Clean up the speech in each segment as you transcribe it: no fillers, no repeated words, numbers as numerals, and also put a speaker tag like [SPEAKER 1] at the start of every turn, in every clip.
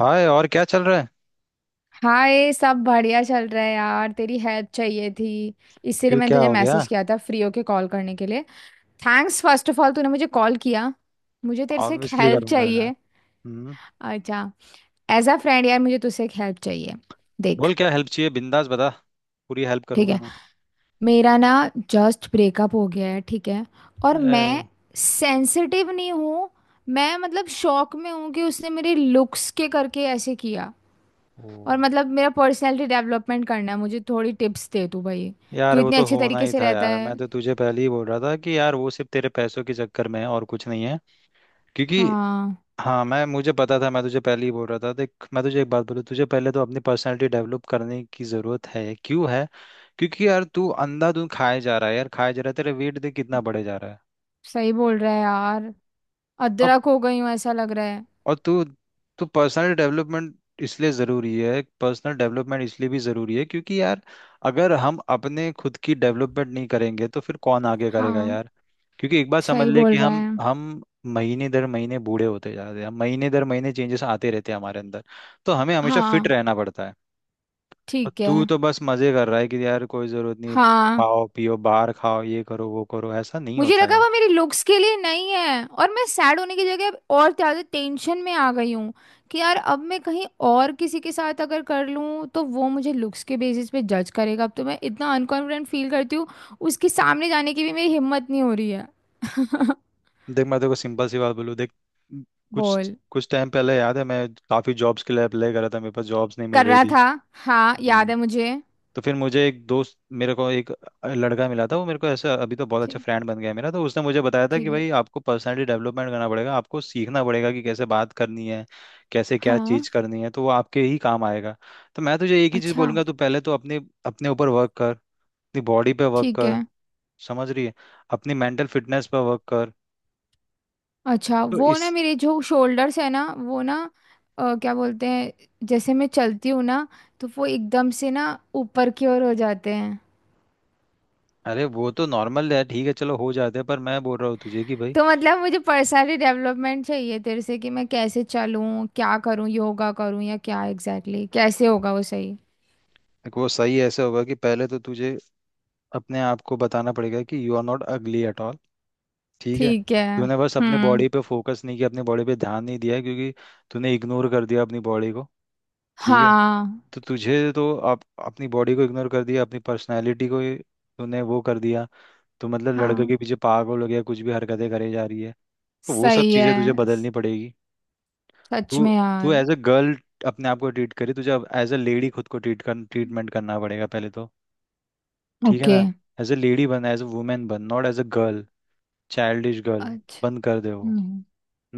[SPEAKER 1] हाय, और क्या चल रहा है।
[SPEAKER 2] हाय। सब बढ़िया चल रहा है यार। तेरी हेल्प चाहिए थी, इसीलिए
[SPEAKER 1] क्यों,
[SPEAKER 2] मैंने
[SPEAKER 1] क्या
[SPEAKER 2] तुझे
[SPEAKER 1] हो गया।
[SPEAKER 2] मैसेज किया था फ्री होके कॉल करने के लिए। थैंक्स फर्स्ट ऑफ ऑल तूने मुझे कॉल किया। मुझे तेरे से एक
[SPEAKER 1] ऑब्वियसली
[SPEAKER 2] हेल्प
[SPEAKER 1] करूंगा यार।
[SPEAKER 2] चाहिए।
[SPEAKER 1] हम्म।
[SPEAKER 2] अच्छा, एज अ फ्रेंड यार मुझे तुझसे एक हेल्प चाहिए। देख,
[SPEAKER 1] बोल क्या हेल्प चाहिए, बिंदास बता। पूरी हेल्प
[SPEAKER 2] ठीक
[SPEAKER 1] करूंगा
[SPEAKER 2] है,
[SPEAKER 1] मैं।
[SPEAKER 2] मेरा ना जस्ट ब्रेकअप हो गया है। ठीक है और
[SPEAKER 1] अरे।
[SPEAKER 2] मैं सेंसिटिव नहीं हूँ। मैं मतलब शॉक में हूँ कि उसने मेरे लुक्स के करके ऐसे किया।
[SPEAKER 1] ओ
[SPEAKER 2] और मतलब मेरा पर्सनालिटी डेवलपमेंट करना है, मुझे थोड़ी टिप्स दे तू भाई। तू
[SPEAKER 1] यार, वो
[SPEAKER 2] इतने
[SPEAKER 1] तो
[SPEAKER 2] अच्छे
[SPEAKER 1] होना
[SPEAKER 2] तरीके
[SPEAKER 1] ही
[SPEAKER 2] से
[SPEAKER 1] था
[SPEAKER 2] रहता
[SPEAKER 1] यार। मैं
[SPEAKER 2] है।
[SPEAKER 1] तो तुझे पहले ही बोल रहा था कि यार वो सिर्फ तेरे पैसों के चक्कर में है और कुछ नहीं है। क्योंकि
[SPEAKER 2] हाँ।
[SPEAKER 1] हाँ, मैं मुझे पता था, मैं तुझे पहले ही बोल रहा था। देख मैं तुझे एक बात बोलूँ, तुझे पहले तो अपनी पर्सनालिटी डेवलप करने की ज़रूरत है। क्यों है? क्योंकि यार तू अंधाधुंध खाए जा रहा है यार, खाए जा रहा है, तेरा वेट देख कितना बढ़े जा रहा है।
[SPEAKER 2] सही बोल रहा है यार,
[SPEAKER 1] और
[SPEAKER 2] अदरक हो गई हूँ ऐसा लग रहा है।
[SPEAKER 1] और तू तो पर्सनल डेवलपमेंट इसलिए ज़रूरी है, पर्सनल डेवलपमेंट इसलिए भी ज़रूरी है क्योंकि यार अगर हम अपने खुद की डेवलपमेंट नहीं करेंगे तो फिर कौन आगे करेगा
[SPEAKER 2] हाँ,
[SPEAKER 1] यार। क्योंकि एक बात समझ
[SPEAKER 2] सही
[SPEAKER 1] ले कि
[SPEAKER 2] बोल रहा
[SPEAKER 1] हम
[SPEAKER 2] है।
[SPEAKER 1] हम महीने दर महीने बूढ़े होते जा रहे हैं, महीने दर महीने चेंजेस आते रहते हैं हमारे अंदर। तो हमें हमेशा फिट
[SPEAKER 2] हाँ,
[SPEAKER 1] रहना पड़ता है। और
[SPEAKER 2] ठीक है।
[SPEAKER 1] तू तो बस मज़े कर रहा है कि यार कोई ज़रूरत नहीं,
[SPEAKER 2] हाँ।
[SPEAKER 1] खाओ पियो, बाहर खाओ, ये करो वो करो, ऐसा नहीं
[SPEAKER 2] मुझे
[SPEAKER 1] होता है।
[SPEAKER 2] लगा वो मेरी लुक्स के लिए नहीं है, और मैं सैड होने की जगह अब और ज्यादा टेंशन में आ गई हूँ कि यार अब मैं कहीं और किसी के साथ अगर कर लूँ तो वो मुझे लुक्स के बेसिस पे जज करेगा। अब तो मैं इतना अनकॉन्फिडेंट फील करती हूँ, उसके सामने जाने की भी मेरी हिम्मत नहीं हो रही है।
[SPEAKER 1] देख मैं तेरे को सिंपल सी बात बोलूँ, देख कुछ
[SPEAKER 2] बोल।
[SPEAKER 1] कुछ टाइम पहले याद है मैं काफ़ी जॉब्स के लिए अप्लाई कर रहा था, मेरे पास जॉब्स नहीं मिल
[SPEAKER 2] कर
[SPEAKER 1] रही
[SPEAKER 2] रहा
[SPEAKER 1] थी।
[SPEAKER 2] था। हाँ याद
[SPEAKER 1] हम्म,
[SPEAKER 2] है मुझे।
[SPEAKER 1] तो फिर मुझे एक दोस्त, मेरे को एक लड़का मिला था, वो मेरे को ऐसा अभी तो बहुत अच्छा
[SPEAKER 2] ठीक,
[SPEAKER 1] फ्रेंड बन गया है मेरा। तो उसने मुझे बताया था कि
[SPEAKER 2] ठीक है।
[SPEAKER 1] भाई आपको पर्सनैलिटी डेवलपमेंट करना पड़ेगा, आपको सीखना पड़ेगा कि कैसे बात करनी है, कैसे क्या
[SPEAKER 2] हाँ,
[SPEAKER 1] चीज़ करनी है, तो वो आपके ही काम आएगा। तो मैं तुझे एक ही चीज़
[SPEAKER 2] अच्छा।
[SPEAKER 1] बोलूंगा, तू पहले तो अपने अपने ऊपर वर्क कर, अपनी बॉडी पे वर्क
[SPEAKER 2] ठीक
[SPEAKER 1] कर,
[SPEAKER 2] है।
[SPEAKER 1] समझ रही है, अपनी मेंटल फिटनेस पे वर्क कर।
[SPEAKER 2] अच्छा
[SPEAKER 1] तो
[SPEAKER 2] वो ना,
[SPEAKER 1] इस,
[SPEAKER 2] मेरे जो शोल्डर्स है ना वो ना क्या बोलते हैं, जैसे मैं चलती हूँ ना तो वो एकदम से ना ऊपर की ओर हो जाते हैं।
[SPEAKER 1] अरे वो तो नॉर्मल है, ठीक है, चलो हो जाते हैं, पर मैं बोल रहा हूँ तुझे कि भाई
[SPEAKER 2] तो मतलब मुझे पर्सनाली डेवलपमेंट चाहिए तेरे से, कि मैं कैसे चलूँ, क्या करूँ, योगा करूँ या क्या एग्जैक्टली कैसे होगा वो सही।
[SPEAKER 1] देखो वो सही ऐसे होगा कि पहले तो तुझे अपने आप को बताना पड़ेगा कि you are not ugly at all. ठीक है।
[SPEAKER 2] ठीक है।
[SPEAKER 1] तूने बस अपनी
[SPEAKER 2] हम्म।
[SPEAKER 1] बॉडी पे फोकस नहीं किया, अपनी बॉडी पे ध्यान नहीं दिया, क्योंकि तूने इग्नोर कर दिया अपनी बॉडी को। ठीक है।
[SPEAKER 2] हाँ।
[SPEAKER 1] तो तुझे, तो आप अपनी बॉडी को इग्नोर कर दिया, अपनी पर्सनैलिटी को ही तूने वो कर दिया। तो मतलब लड़के
[SPEAKER 2] हाँ,
[SPEAKER 1] के पीछे पागल हो गया, कुछ भी हरकतें करे जा रही है। तो वो सब
[SPEAKER 2] सही है।
[SPEAKER 1] चीज़ें तुझे बदलनी पड़ेगी।
[SPEAKER 2] सच
[SPEAKER 1] तू,
[SPEAKER 2] में
[SPEAKER 1] तू
[SPEAKER 2] यार।
[SPEAKER 1] एज अ गर्ल अपने आप को ट्रीट करी, तुझे अब एज अ लेडी खुद को ट्रीट कर, ट्रीटमेंट करना पड़ेगा पहले तो। ठीक है
[SPEAKER 2] ओके।
[SPEAKER 1] ना। एज अ लेडी बन, एज अ वुमेन बन, not as a girl, childish girl,
[SPEAKER 2] अच्छा।
[SPEAKER 1] बंद कर दे वो।
[SPEAKER 2] हम्म,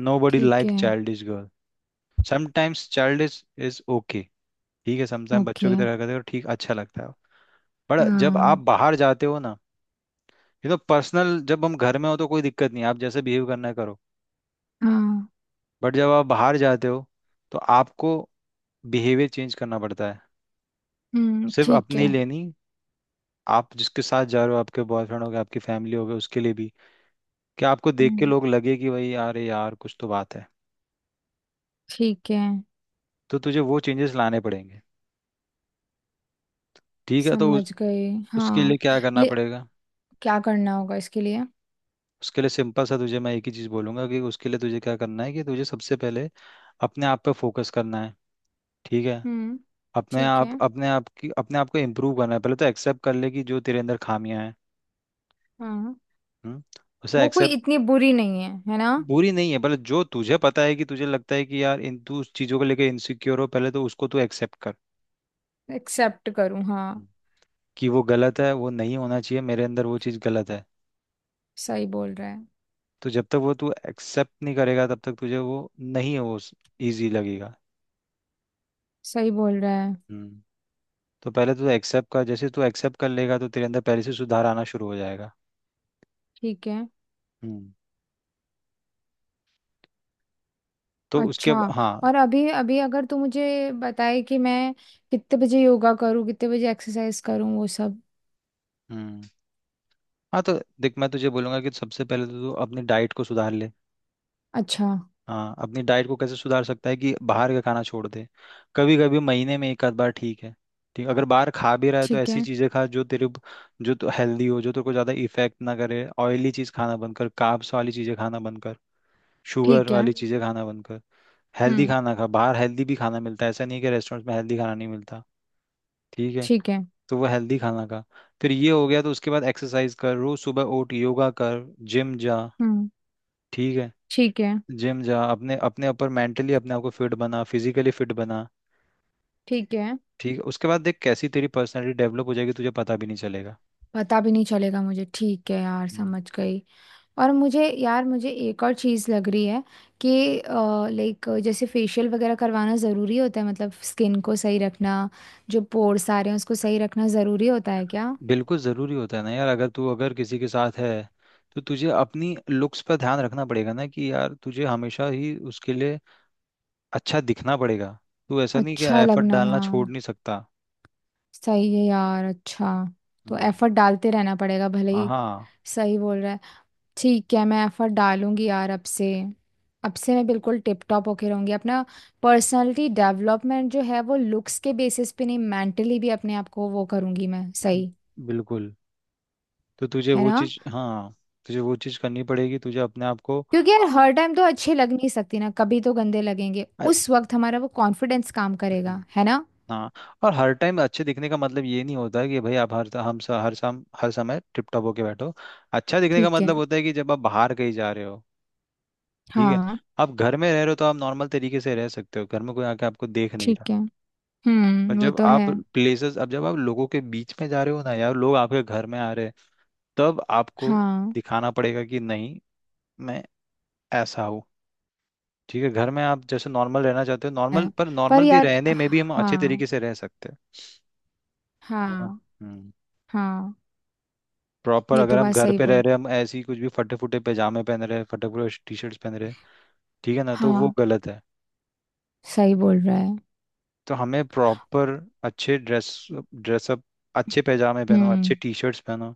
[SPEAKER 1] नो बडी
[SPEAKER 2] ठीक
[SPEAKER 1] लाइक
[SPEAKER 2] है।
[SPEAKER 1] Childish girl. Sometimes childish is okay. ठीक है, समटाइम बच्चों
[SPEAKER 2] ओके।
[SPEAKER 1] की तरह करते हो ठीक, अच्छा लगता है। पर जब आप
[SPEAKER 2] हाँ।
[SPEAKER 1] बाहर जाते हो ना, ये तो पर्सनल, जब हम घर में हो तो कोई दिक्कत नहीं, आप जैसे बिहेव करना है करो,
[SPEAKER 2] हाँ।
[SPEAKER 1] बट जब आप बाहर जाते हो तो आपको बिहेवियर चेंज करना पड़ता है। सिर्फ
[SPEAKER 2] ठीक है।
[SPEAKER 1] अपनी लेनी, आप जिसके साथ जा रहे हो, आपके बॉयफ्रेंड हो गए, आपकी फैमिली हो गए, उसके लिए भी, कि आपको देख के
[SPEAKER 2] हम्म,
[SPEAKER 1] लोग लगे कि भाई यार ये यार कुछ तो बात है।
[SPEAKER 2] ठीक है।
[SPEAKER 1] तो तुझे वो चेंजेस लाने पड़ेंगे। ठीक है तो उस,
[SPEAKER 2] समझ गए
[SPEAKER 1] उसके
[SPEAKER 2] हाँ।
[SPEAKER 1] लिए क्या करना
[SPEAKER 2] ले,
[SPEAKER 1] पड़ेगा।
[SPEAKER 2] क्या करना होगा इसके लिए।
[SPEAKER 1] उसके लिए सिंपल सा तुझे मैं एक ही चीज़ बोलूंगा कि उसके लिए तुझे क्या करना है कि तुझे सबसे पहले अपने आप पे फोकस करना है। ठीक है।
[SPEAKER 2] हम्म,
[SPEAKER 1] अपने
[SPEAKER 2] ठीक
[SPEAKER 1] आप,
[SPEAKER 2] है।
[SPEAKER 1] अपने आप की, अपने आप को इम्प्रूव करना है, पहले तो एक्सेप्ट कर ले कि जो तेरे अंदर खामियां हैं।
[SPEAKER 2] हाँ।
[SPEAKER 1] हम्म, उसे
[SPEAKER 2] वो कोई
[SPEAKER 1] एक्सेप्ट,
[SPEAKER 2] इतनी बुरी नहीं है, है ना।
[SPEAKER 1] बुरी नहीं है, पहले जो तुझे पता है कि तुझे लगता है कि यार इन तू उस चीज़ों को लेकर इनसिक्योर हो, पहले तो उसको तू एक्सेप्ट कर
[SPEAKER 2] एक्सेप्ट करूँ हाँ।
[SPEAKER 1] कि वो गलत है, वो नहीं होना चाहिए मेरे अंदर, वो चीज़ गलत है।
[SPEAKER 2] सही बोल रहा है।
[SPEAKER 1] तो जब तक वो तू एक्सेप्ट नहीं करेगा, तब तक तुझे वो नहीं, वो ईजी लगेगा।
[SPEAKER 2] सही बोल रहा है।
[SPEAKER 1] हम्म। तो पहले तू एक्सेप्ट कर, जैसे तू एक्सेप्ट कर लेगा तो तेरे अंदर पहले से सुधार आना शुरू हो जाएगा।
[SPEAKER 2] ठीक है।
[SPEAKER 1] हम्म। तो उसके
[SPEAKER 2] अच्छा,
[SPEAKER 1] अब- हाँ।
[SPEAKER 2] और अभी अभी अगर तू मुझे बताए कि मैं कितने बजे योगा करूँ, कितने बजे एक्सरसाइज करूँ, वो सब।
[SPEAKER 1] हम्म। हाँ तो देख मैं तुझे बोलूंगा कि सबसे पहले तो तू अपनी डाइट को सुधार ले।
[SPEAKER 2] अच्छा।
[SPEAKER 1] हाँ, अपनी डाइट को कैसे सुधार सकता है कि बाहर का खाना छोड़ दे, कभी कभी महीने में एक आध बार ठीक है, ठीक अगर बाहर खा भी रहा है तो
[SPEAKER 2] ठीक
[SPEAKER 1] ऐसी
[SPEAKER 2] है।
[SPEAKER 1] चीज़ें खा जो तेरे, जो तो हेल्दी हो, जो तेरे को ज़्यादा इफेक्ट ना करे। ऑयली चीज़ खाना बंद कर, कार्ब्स वाली चीज़ें खाना बंद कर, शुगर
[SPEAKER 2] ठीक है।
[SPEAKER 1] वाली चीज़ें खाना बंद कर। हेल्दी
[SPEAKER 2] हम्म।
[SPEAKER 1] खाना खा, बाहर हेल्दी भी खाना मिलता है, ऐसा नहीं है कि रेस्टोरेंट्स में हेल्दी खाना नहीं मिलता। ठीक है।
[SPEAKER 2] ठीक है।
[SPEAKER 1] तो वो हेल्दी खाना खा। फिर ये हो गया तो उसके बाद एक्सरसाइज कर, रोज सुबह उठ, योगा कर, जिम जा।
[SPEAKER 2] हम्म।
[SPEAKER 1] ठीक है,
[SPEAKER 2] ठीक है।
[SPEAKER 1] जिम जा, अपने अपने ऊपर मेंटली अपने आप को फिट बना, फिजिकली फिट बना।
[SPEAKER 2] ठीक है।
[SPEAKER 1] ठीक है। उसके बाद देख कैसी तेरी पर्सनालिटी डेवलप हो जाएगी, तुझे पता भी नहीं चलेगा।
[SPEAKER 2] पता भी नहीं चलेगा मुझे। ठीक है यार,
[SPEAKER 1] हम्म।
[SPEAKER 2] समझ गई। और मुझे यार, मुझे एक और चीज़ लग रही है कि लाइक, जैसे फेशियल वगैरह करवाना ज़रूरी होता है, मतलब स्किन को सही रखना, जो पोर्स आ रहे हैं उसको सही रखना ज़रूरी होता है क्या।
[SPEAKER 1] बिल्कुल ज़रूरी होता है ना यार, अगर तू अगर किसी के साथ है तो तुझे अपनी लुक्स पर ध्यान रखना पड़ेगा ना कि यार तुझे हमेशा ही उसके लिए अच्छा दिखना पड़ेगा। तू ऐसा नहीं कि
[SPEAKER 2] अच्छा
[SPEAKER 1] एफर्ट
[SPEAKER 2] लगना
[SPEAKER 1] डालना छोड़
[SPEAKER 2] हाँ।
[SPEAKER 1] नहीं सकता।
[SPEAKER 2] सही है यार। अच्छा, तो
[SPEAKER 1] हम्म।
[SPEAKER 2] एफर्ट डालते रहना पड़ेगा भले ही।
[SPEAKER 1] हाँ।
[SPEAKER 2] सही बोल रहा है। ठीक है, मैं एफर्ट डालूंगी यार अब से। अब से मैं बिल्कुल टिप टॉप होके रहूंगी। अपना पर्सनालिटी डेवलपमेंट जो है वो लुक्स के बेसिस पे नहीं, मेंटली भी अपने आप को वो करूंगी मैं।
[SPEAKER 1] न-
[SPEAKER 2] सही
[SPEAKER 1] बिल्कुल। तो तुझे
[SPEAKER 2] है
[SPEAKER 1] वो
[SPEAKER 2] ना।
[SPEAKER 1] चीज़ हाँ, तुझे वो चीज़ करनी पड़ेगी, तुझे अपने आप को।
[SPEAKER 2] क्योंकि यार हर टाइम तो अच्छे लग नहीं सकती ना, कभी तो गंदे लगेंगे। उस वक्त हमारा वो कॉन्फिडेंस काम करेगा, है ना।
[SPEAKER 1] हाँ और हर टाइम अच्छे दिखने का मतलब ये नहीं होता है कि भाई आप हर हर शाम हर समय टिप टॉप होके बैठो। अच्छा दिखने का
[SPEAKER 2] ठीक है।
[SPEAKER 1] मतलब होता है कि जब आप बाहर कहीं जा रहे हो। ठीक है।
[SPEAKER 2] हाँ।
[SPEAKER 1] आप घर में रह रहे हो तो आप नॉर्मल तरीके से रह सकते हो, घर में कोई आके आपको देख नहीं रहा।
[SPEAKER 2] ठीक है।
[SPEAKER 1] पर
[SPEAKER 2] हम्म, वो
[SPEAKER 1] जब
[SPEAKER 2] तो है।
[SPEAKER 1] आप प्लेसेस, अब जब आप लोगों के बीच में जा रहे हो ना यार, लोग आपके घर में आ रहे हैं तब आपको
[SPEAKER 2] हाँ
[SPEAKER 1] दिखाना पड़ेगा कि नहीं, मैं ऐसा हूँ। ठीक है घर में आप जैसे नॉर्मल रहना चाहते हो, नॉर्मल,
[SPEAKER 2] है।
[SPEAKER 1] पर
[SPEAKER 2] पर
[SPEAKER 1] नॉर्मल भी
[SPEAKER 2] यार,
[SPEAKER 1] रहने में भी हम अच्छे
[SPEAKER 2] हाँ।
[SPEAKER 1] तरीके से रह सकते हैं। है ना।
[SPEAKER 2] हाँ।
[SPEAKER 1] हम्म।
[SPEAKER 2] हाँ।
[SPEAKER 1] प्रॉपर
[SPEAKER 2] ये
[SPEAKER 1] अगर
[SPEAKER 2] तो
[SPEAKER 1] हम
[SPEAKER 2] बात
[SPEAKER 1] घर
[SPEAKER 2] सही
[SPEAKER 1] पे रह
[SPEAKER 2] बोल।
[SPEAKER 1] रहे हैं, हम ऐसे ही कुछ भी फटे फुटे पैजामे पहन रहे हैं, फटे फुटे टी शर्ट्स पहन रहे हैं, ठीक है ना, तो वो
[SPEAKER 2] हाँ
[SPEAKER 1] गलत है।
[SPEAKER 2] सही बोल रहा है।
[SPEAKER 1] तो हमें प्रॉपर अच्छे ड्रेस, ड्रेसअप, अच्छे पैजामे पहनो, अच्छे
[SPEAKER 2] हम्म।
[SPEAKER 1] टी शर्ट्स पहनो,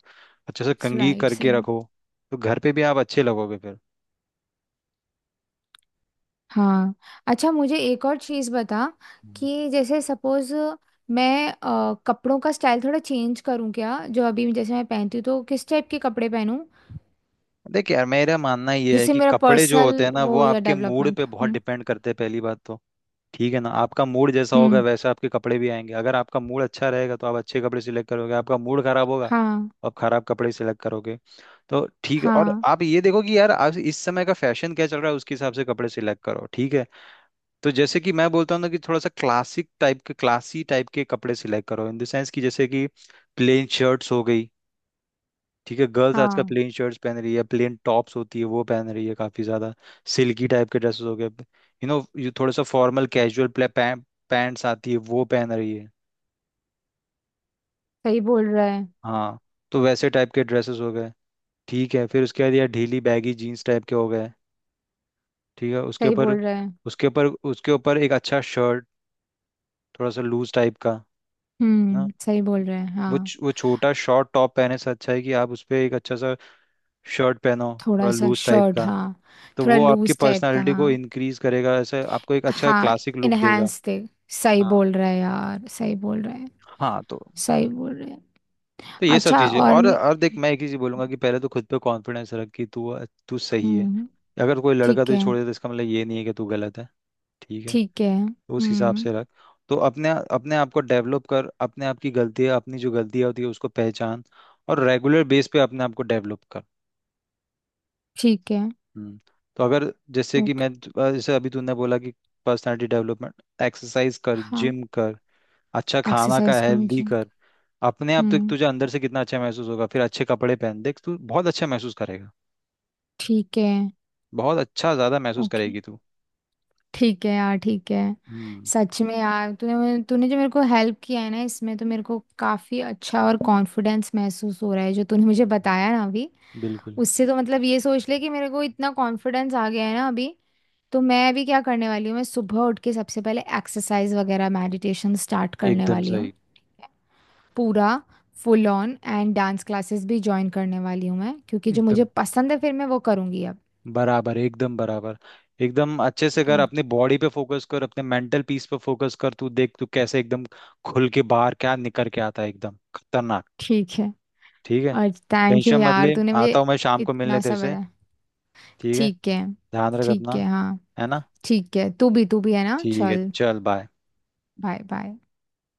[SPEAKER 1] अच्छे से कंघी
[SPEAKER 2] राइट,
[SPEAKER 1] करके
[SPEAKER 2] सही।
[SPEAKER 1] रखो, तो घर पे भी आप अच्छे लगोगे फिर।
[SPEAKER 2] हाँ। अच्छा, मुझे एक और चीज़ बता
[SPEAKER 1] हम्म।
[SPEAKER 2] कि जैसे सपोज मैं कपड़ों का स्टाइल थोड़ा चेंज करूँ क्या, जो अभी जैसे मैं पहनती हूँ, तो किस टाइप के कपड़े पहनूं
[SPEAKER 1] देख यार मेरा मानना ये है
[SPEAKER 2] जिससे
[SPEAKER 1] कि
[SPEAKER 2] मेरा
[SPEAKER 1] कपड़े जो होते हैं
[SPEAKER 2] पर्सनल
[SPEAKER 1] ना
[SPEAKER 2] वो
[SPEAKER 1] वो
[SPEAKER 2] हो जाए,
[SPEAKER 1] आपके मूड
[SPEAKER 2] डेवलपमेंट।
[SPEAKER 1] पे बहुत
[SPEAKER 2] हम्म।
[SPEAKER 1] डिपेंड करते हैं पहली बात तो। ठीक है ना। आपका मूड जैसा होगा
[SPEAKER 2] हम्म।
[SPEAKER 1] वैसे आपके कपड़े भी आएंगे। अगर आपका मूड अच्छा रहेगा तो आप अच्छे कपड़े सिलेक्ट करोगे, आपका मूड खराब होगा
[SPEAKER 2] हाँ।
[SPEAKER 1] और खराब कपड़े सिलेक्ट करोगे। तो ठीक है, और
[SPEAKER 2] हाँ।
[SPEAKER 1] आप ये देखो कि यार आज इस समय का फैशन क्या चल रहा है उसके हिसाब से कपड़े सिलेक्ट करो। ठीक है। तो जैसे कि मैं बोलता हूँ ना कि थोड़ा सा क्लासिक टाइप के, क्लासी टाइप के कपड़े सिलेक्ट करो, इन द सेंस कि जैसे कि प्लेन शर्ट्स हो गई। ठीक है, गर्ल्स आजकल
[SPEAKER 2] हाँ
[SPEAKER 1] प्लेन शर्ट्स पहन रही है, प्लेन टॉप्स होती है वो पहन रही है काफी ज्यादा, सिल्की टाइप के ड्रेसेस हो गए यू नो, ये थोड़ा सा फॉर्मल कैजुअल पैंट्स आती है वो पहन रही है।
[SPEAKER 2] सही बोल रहा है।
[SPEAKER 1] हाँ। तो वैसे टाइप के ड्रेसेस हो गए। ठीक है, फिर उसके बाद यार ढीली बैगी जीन्स टाइप के हो गए, ठीक है, उसके
[SPEAKER 2] सही
[SPEAKER 1] ऊपर,
[SPEAKER 2] बोल रहा है।
[SPEAKER 1] उसके ऊपर एक अच्छा शर्ट, थोड़ा सा लूज टाइप का, है ना,
[SPEAKER 2] सही बोल रहा है।
[SPEAKER 1] वो
[SPEAKER 2] हाँ,
[SPEAKER 1] वो छोटा शॉर्ट टॉप पहने से अच्छा है कि आप उस पे एक अच्छा सा शर्ट पहनो,
[SPEAKER 2] थोड़ा
[SPEAKER 1] थोड़ा
[SPEAKER 2] सा
[SPEAKER 1] लूज टाइप
[SPEAKER 2] शर्ट
[SPEAKER 1] का।
[SPEAKER 2] हाँ।
[SPEAKER 1] तो
[SPEAKER 2] थोड़ा
[SPEAKER 1] वो आपकी
[SPEAKER 2] लूज टाइप का
[SPEAKER 1] पर्सनालिटी को
[SPEAKER 2] हाँ।
[SPEAKER 1] इंक्रीज करेगा, ऐसे आपको एक अच्छा
[SPEAKER 2] हाँ,
[SPEAKER 1] क्लासिक लुक देगा।
[SPEAKER 2] इनहेंस दे। सही
[SPEAKER 1] हाँ।
[SPEAKER 2] बोल रहा है यार, सही बोल रहा है।
[SPEAKER 1] हाँ तो
[SPEAKER 2] सही बोल रहे हैं।
[SPEAKER 1] तो ये सब
[SPEAKER 2] अच्छा
[SPEAKER 1] चीजें,
[SPEAKER 2] और मैं।
[SPEAKER 1] और देख मैं एक ही चीज बोलूंगा कि पहले तो खुद पे कॉन्फिडेंस रख कि तू, तू सही है।
[SPEAKER 2] हम्म।
[SPEAKER 1] अगर कोई लड़का
[SPEAKER 2] ठीक
[SPEAKER 1] तुझे
[SPEAKER 2] है।
[SPEAKER 1] छोड़ दे तो इसका मतलब ये नहीं है कि तू गलत है। ठीक है।
[SPEAKER 2] ठीक है।
[SPEAKER 1] तो उस हिसाब
[SPEAKER 2] हम्म।
[SPEAKER 1] से रख। तो अपने, अपने आप को डेवलप कर, अपने आप की गलतियाँ, अपनी जो गलतियाँ होती है उसको पहचान, और रेगुलर बेस पे अपने आप को डेवलप कर।
[SPEAKER 2] ठीक है।
[SPEAKER 1] हम्म। तो अगर जैसे कि
[SPEAKER 2] ओके।
[SPEAKER 1] मैं जैसे अभी तूने बोला कि पर्सनालिटी डेवलपमेंट, एक्सरसाइज कर,
[SPEAKER 2] हाँ,
[SPEAKER 1] जिम कर, अच्छा खाना का
[SPEAKER 2] एक्सरसाइज करूँ
[SPEAKER 1] हेल्दी
[SPEAKER 2] जिम।
[SPEAKER 1] कर, अपने आप तो
[SPEAKER 2] हम्म।
[SPEAKER 1] तुझे अंदर से कितना अच्छा महसूस होगा, फिर अच्छे कपड़े पहन, देख तू बहुत अच्छा महसूस करेगा,
[SPEAKER 2] ठीक है।
[SPEAKER 1] बहुत अच्छा ज्यादा महसूस
[SPEAKER 2] ओके।
[SPEAKER 1] करेगी तू।
[SPEAKER 2] ठीक है यार, ठीक है।
[SPEAKER 1] हम्म।
[SPEAKER 2] सच में यार तूने मुझे- तूने जो मेरे को हेल्प किया है ना इसमें, तो मेरे को काफ़ी अच्छा और कॉन्फिडेंस महसूस हो रहा है जो तूने मुझे बताया ना अभी।
[SPEAKER 1] बिल्कुल,
[SPEAKER 2] उससे तो मतलब ये सोच ले कि मेरे को इतना कॉन्फिडेंस आ गया है ना अभी। तो मैं अभी क्या करने वाली हूँ, मैं सुबह उठ के सबसे पहले एक्सरसाइज वगैरह, मेडिटेशन स्टार्ट करने
[SPEAKER 1] एकदम
[SPEAKER 2] वाली हूँ।
[SPEAKER 1] सही,
[SPEAKER 2] पूरा full on and dance classes भी ज्वाइन करने वाली हूँ मैं, क्योंकि जो
[SPEAKER 1] एकदम
[SPEAKER 2] मुझे पसंद है फिर मैं वो करूँगी अब।
[SPEAKER 1] बराबर, एकदम बराबर, एकदम अच्छे से
[SPEAKER 2] ठीक
[SPEAKER 1] कर,
[SPEAKER 2] है।
[SPEAKER 1] अपने बॉडी पे फोकस कर, अपने मेंटल पीस पे फोकस कर, तू देख तू कैसे एकदम खुल के बाहर क्या निकल के आता है एकदम खतरनाक।
[SPEAKER 2] ठीक है।
[SPEAKER 1] ठीक है।
[SPEAKER 2] और थैंक यू
[SPEAKER 1] टेंशन मत
[SPEAKER 2] यार,
[SPEAKER 1] ले,
[SPEAKER 2] तूने
[SPEAKER 1] आता
[SPEAKER 2] मुझे
[SPEAKER 1] हूँ मैं शाम को मिलने
[SPEAKER 2] इतना
[SPEAKER 1] तेरे
[SPEAKER 2] सब
[SPEAKER 1] से।
[SPEAKER 2] बताया।
[SPEAKER 1] ठीक है।
[SPEAKER 2] ठीक है।
[SPEAKER 1] ध्यान रख
[SPEAKER 2] ठीक
[SPEAKER 1] अपना,
[SPEAKER 2] है हाँ।
[SPEAKER 1] है ना।
[SPEAKER 2] ठीक है, तू भी, तू भी, है ना
[SPEAKER 1] ठीक है,
[SPEAKER 2] चल।
[SPEAKER 1] चल बाय।
[SPEAKER 2] Bye bye.